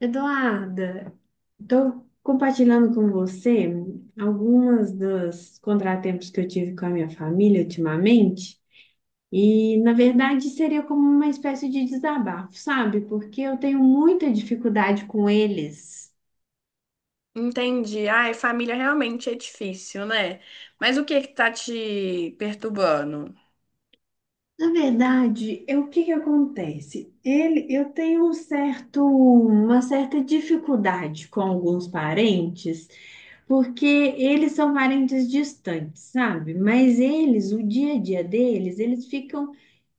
Eduarda, estou compartilhando com você algumas dos contratempos que eu tive com a minha família ultimamente, e na verdade seria como uma espécie de desabafo, sabe? Porque eu tenho muita dificuldade com eles. Entendi. Ai, família realmente é difícil, né? Mas o que tá te perturbando? Na verdade, é o que que acontece? Ele, eu tenho um certo, uma certa dificuldade com alguns parentes, porque eles são parentes distantes, sabe? Mas eles, o dia a dia deles, eles ficam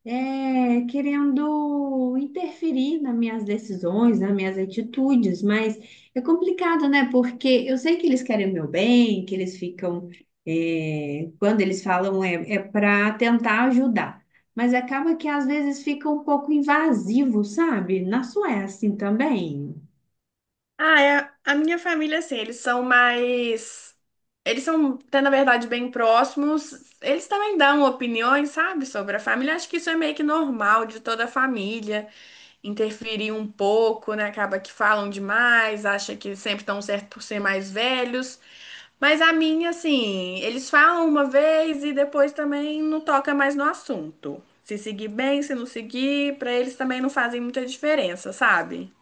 querendo interferir nas minhas decisões, nas minhas atitudes, mas é complicado, né? Porque eu sei que eles querem o meu bem, que eles ficam, quando eles falam para tentar ajudar, mas acaba que às vezes fica um pouco invasivo, sabe? Na sua é assim também. Ah, é, a minha família, assim, eles são mais. Eles são, até na verdade, bem próximos. Eles também dão opiniões, sabe, sobre a família. Acho que isso é meio que normal de toda a família. Interferir um pouco, né? Acaba que falam demais, acha que sempre estão certo por ser mais velhos. Mas a minha, assim, eles falam uma vez e depois também não toca mais no assunto. Se seguir bem, se não seguir, pra eles também não fazem muita diferença, sabe?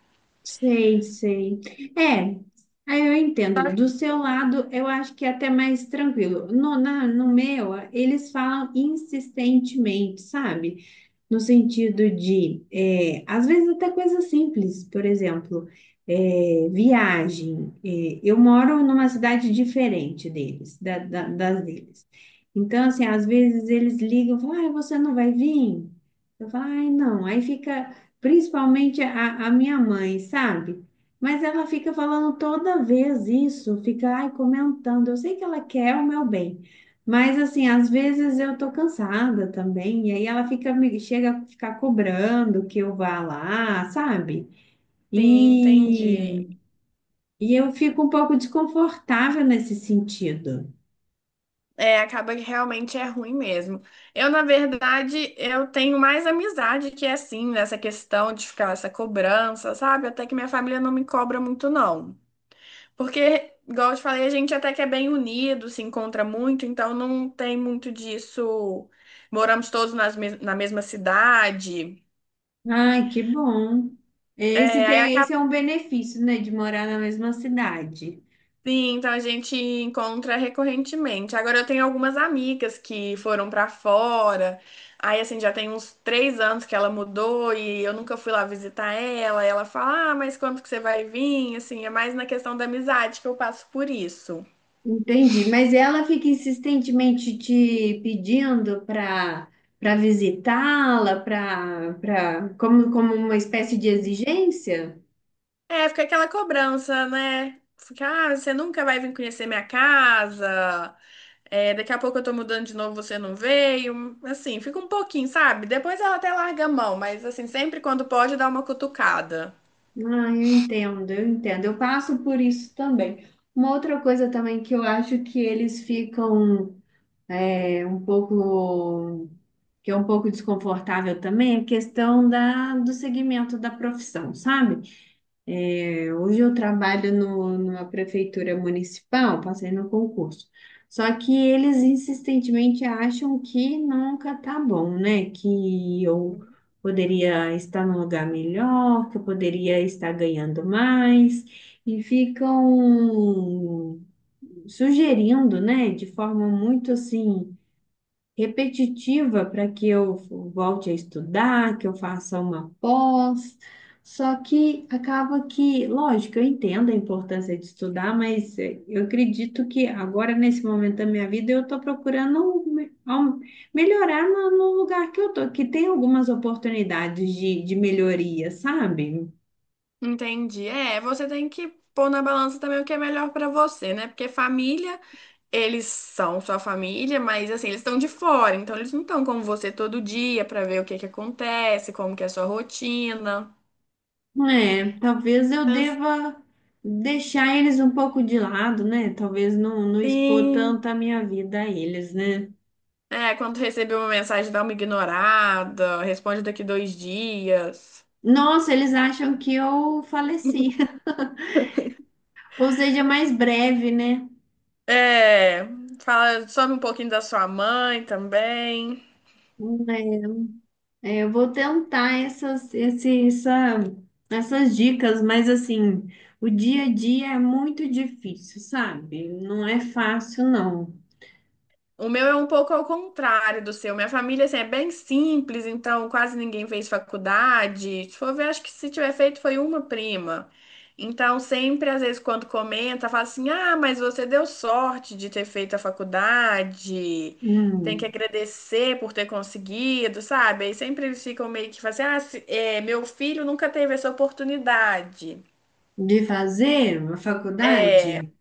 Sei, sei. É, aí eu entendo. Do seu lado, eu acho que é até mais tranquilo. No meu, eles falam insistentemente, sabe? No sentido de, é, às vezes até coisas simples, por exemplo, é, viagem. É, eu moro numa cidade diferente deles, das deles. Então, assim, às vezes eles ligam e falam, ah, você não vai vir? Eu falo, ai, não. Aí fica, principalmente a minha mãe, sabe? Mas ela fica falando toda vez isso, fica, ai, comentando. Eu sei que ela quer o meu bem. Mas assim, às vezes eu tô cansada também, e aí ela fica me chega a ficar cobrando que eu vá lá, sabe? Sim, E, entendi. e eu fico um pouco desconfortável nesse sentido. É, acaba que realmente é ruim mesmo. Eu, na verdade, eu tenho mais amizade que é assim, nessa questão de ficar essa cobrança, sabe? Até que minha família não me cobra muito, não. Porque, igual eu te falei, a gente até que é bem unido, se encontra muito, então não tem muito disso. Moramos todos na mesma cidade. Ai, que bom. Esse É, aí tem, acaba esse é um benefício, né, de morar na mesma cidade. assim, então a gente encontra recorrentemente. Agora eu tenho algumas amigas que foram pra fora. Aí, assim, já tem uns três anos que ela mudou e eu nunca fui lá visitar ela. Ela fala, ah, mas quando que você vai vir? Assim, é mais na questão da amizade que eu passo por isso. Entendi. Mas ela fica insistentemente te pedindo para visitá-la, para como como uma espécie de exigência? É, fica aquela cobrança, né? Fica, ah, você nunca vai vir conhecer minha casa. É, daqui a pouco eu tô mudando de novo, você não veio. Assim, fica um pouquinho, sabe? Depois ela até larga a mão, mas assim, sempre quando pode dá uma cutucada. Ah, eu entendo, eu entendo. Eu passo por isso também. Uma outra coisa também que eu acho que eles ficam é, um pouco, que é um pouco desconfortável também, é a questão da, do segmento da profissão, sabe? Hoje eu trabalho no, numa prefeitura municipal, passei no concurso. Só que eles insistentemente acham que nunca tá bom, né? Que eu poderia estar num lugar melhor, que eu poderia estar ganhando mais, e ficam sugerindo, né? De forma muito assim repetitiva para que eu volte a estudar, que eu faça uma pós. Só que acaba que, lógico, eu entendo a importância de estudar, mas eu acredito que agora, nesse momento da minha vida, eu estou procurando um me- ao- melhorar no, no lugar que eu estou, que tem algumas oportunidades de melhoria, sabe? Entendi. É, você tem que pôr na balança também o que é melhor pra você, né? Porque família, eles são sua família, mas assim, eles estão de fora, então eles não estão com você todo dia pra ver o que acontece, como que é a sua rotina. É, talvez eu deva deixar eles um pouco de lado, né? Talvez não, não expor Sim. tanto a minha vida a eles, né? É, quando receber uma mensagem, dá uma ignorada, responde daqui dois dias. Nossa, eles acham que eu faleci. Ou seja, mais breve, né? É, fala, some um pouquinho da sua mãe também. Hum. É, é, eu vou tentar essas, esse, essa, essas dicas, mas assim, o dia a dia é muito difícil, sabe? Não é fácil, não. O meu é um pouco ao contrário do seu. Minha família, assim, é bem simples, então quase ninguém fez faculdade. Se for ver, acho que se tiver feito foi uma prima. Então, sempre, às vezes, quando comenta, fala assim: ah, mas você deu sorte de ter feito a faculdade, tem que Hum, agradecer por ter conseguido, sabe? Aí sempre eles ficam meio que falam assim: é, meu filho nunca teve essa oportunidade. de fazer a faculdade?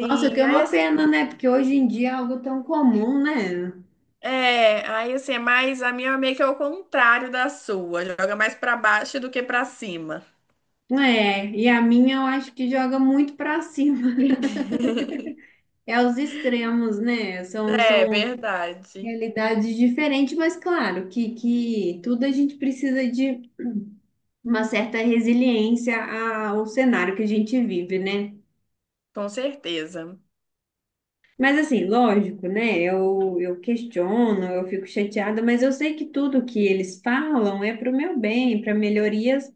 Nossa, que é aí uma pena, né? Porque hoje em dia é algo tão comum, né? é, aí assim, é mais a minha é meio que é o contrário da sua, joga mais pra baixo do que pra cima. É, e a minha eu acho que joga muito pra cima. É os extremos, né? São, É são verdade, realidade diferente, mas claro que tudo a gente precisa de uma certa resiliência ao cenário que a gente vive, né? com certeza. Mas assim, lógico, né? Eu questiono, eu fico chateada, mas eu sei que tudo que eles falam é para o meu bem, para melhorias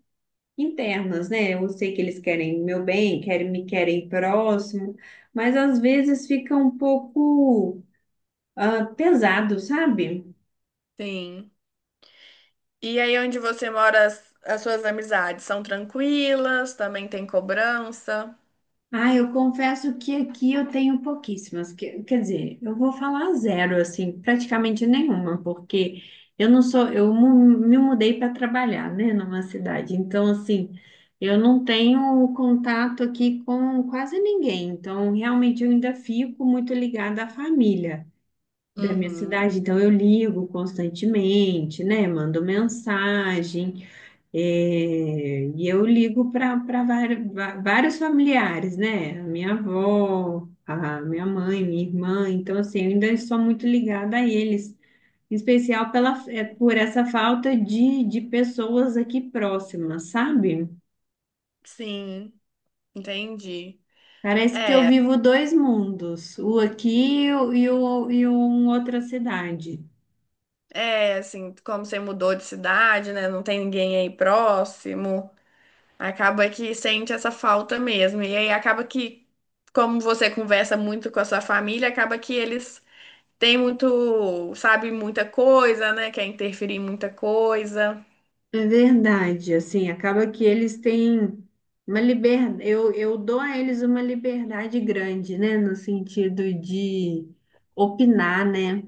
internas, né? Eu sei que eles querem meu bem, querem me querem próximo, mas às vezes fica um pouco pesado, sabe? Sim. E aí onde você mora, as suas amizades são tranquilas, também tem cobrança. Ah, eu confesso que aqui eu tenho pouquíssimas. Que- quer dizer, eu vou falar zero, assim, praticamente nenhuma, porque eu não sou, eu mu- me mudei para trabalhar, né, numa cidade. Então, assim, eu não tenho contato aqui com quase ninguém. Então, realmente, eu ainda fico muito ligada à família da minha Uhum. cidade. Então, eu ligo constantemente, né, mando mensagem. É, e eu ligo para vários familiares, né? A minha avó, a minha mãe, minha irmã. Então, assim, eu ainda sou muito ligada a eles, em especial pela, é, por essa falta de pessoas aqui próximas, sabe? Sim, entendi. Parece que eu vivo dois mundos, o aqui e um outra cidade. É, assim, como você mudou de cidade, né? Não tem ninguém aí próximo. Acaba que sente essa falta mesmo. E aí acaba que, como você conversa muito com a sua família, acaba que eles têm muito, sabe, muita coisa, né? Quer interferir em muita coisa. É verdade, assim, acaba que eles têm uma liberdade, eu dou a eles uma liberdade grande, né, no sentido de opinar, né?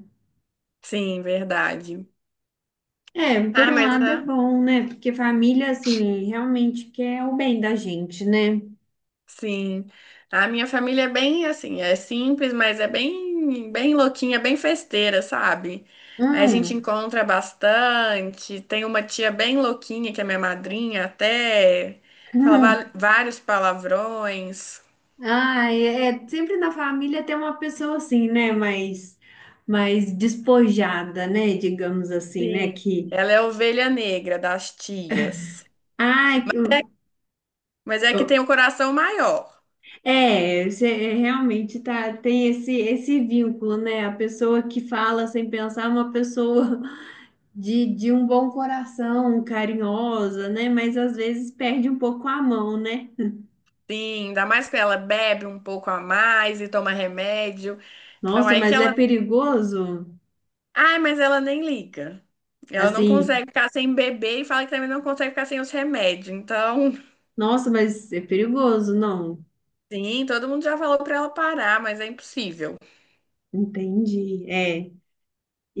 Sim, verdade. É, por Ah, um mas lado é ah, bom, né? Porque família, assim, realmente quer o bem da gente, né? sim, a minha família é bem assim, é simples, mas é bem, bem louquinha, bem festeira, sabe? A gente Hum, encontra bastante. Tem uma tia bem louquinha, que é minha madrinha, até fala hum. vários palavrões. Ai, é, é, sempre na família tem uma pessoa assim, né, mais, mais despojada, né, digamos assim, né, Sim. que, Ela é a ovelha negra das tias, ai, mas é que tem o coração maior. é, você realmente tá, tem esse, esse vínculo, né? A pessoa que fala sem pensar é uma pessoa de um bom coração, carinhosa, né? Mas às vezes perde um pouco a mão, né? Sim, ainda mais que ela bebe um pouco a mais e toma remédio. Então, Nossa, aí que mas é ela perigoso? ai, mas ela nem liga. Ela não Assim, consegue ficar sem beber e fala que também não consegue ficar sem os remédios. Então, nossa, mas é perigoso? Não, sim, todo mundo já falou pra ela parar, mas é impossível. entendi. É.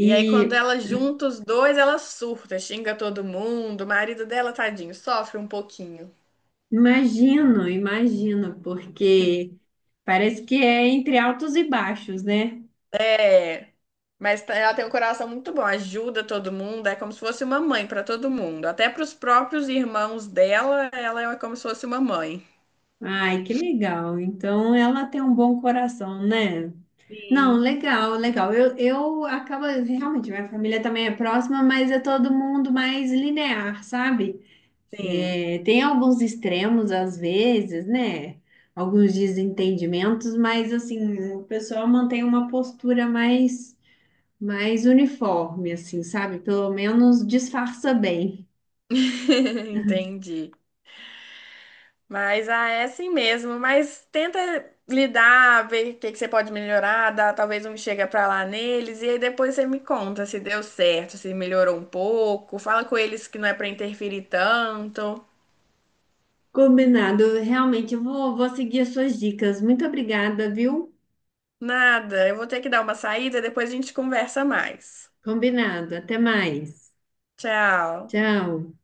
E aí, quando ela junta os dois, ela surta, xinga todo mundo. O marido dela, tadinho, sofre um pouquinho. imagino, imagino, porque parece que é entre altos e baixos, né? É, ela tem um coração muito bom, ajuda todo mundo, é como se fosse uma mãe pra todo mundo. Até pros próprios irmãos dela, ela é como se fosse uma mãe. Ai, que legal. Então ela tem um bom coração, né? Não, Sim, legal, legal. Eu acabo realmente, minha família também é próxima, mas é todo mundo mais linear, sabe? sim. É, tem alguns extremos às vezes, né? Alguns desentendimentos, mas assim, o pessoal mantém uma postura mais, mais uniforme, assim, sabe? Pelo menos disfarça bem. Entendi. Mas ah, é assim mesmo. Mas tenta lidar, ver o que você pode melhorar, dá, talvez um chega pra lá neles, e aí depois você me conta se deu certo, se melhorou um pouco. Fala com eles que não é pra interferir tanto. Combinado. Realmente, eu vou, vou seguir as suas dicas. Muito obrigada, viu? Nada, eu vou ter que dar uma saída, depois a gente conversa mais. Combinado. Até mais. Tchau. Tchau.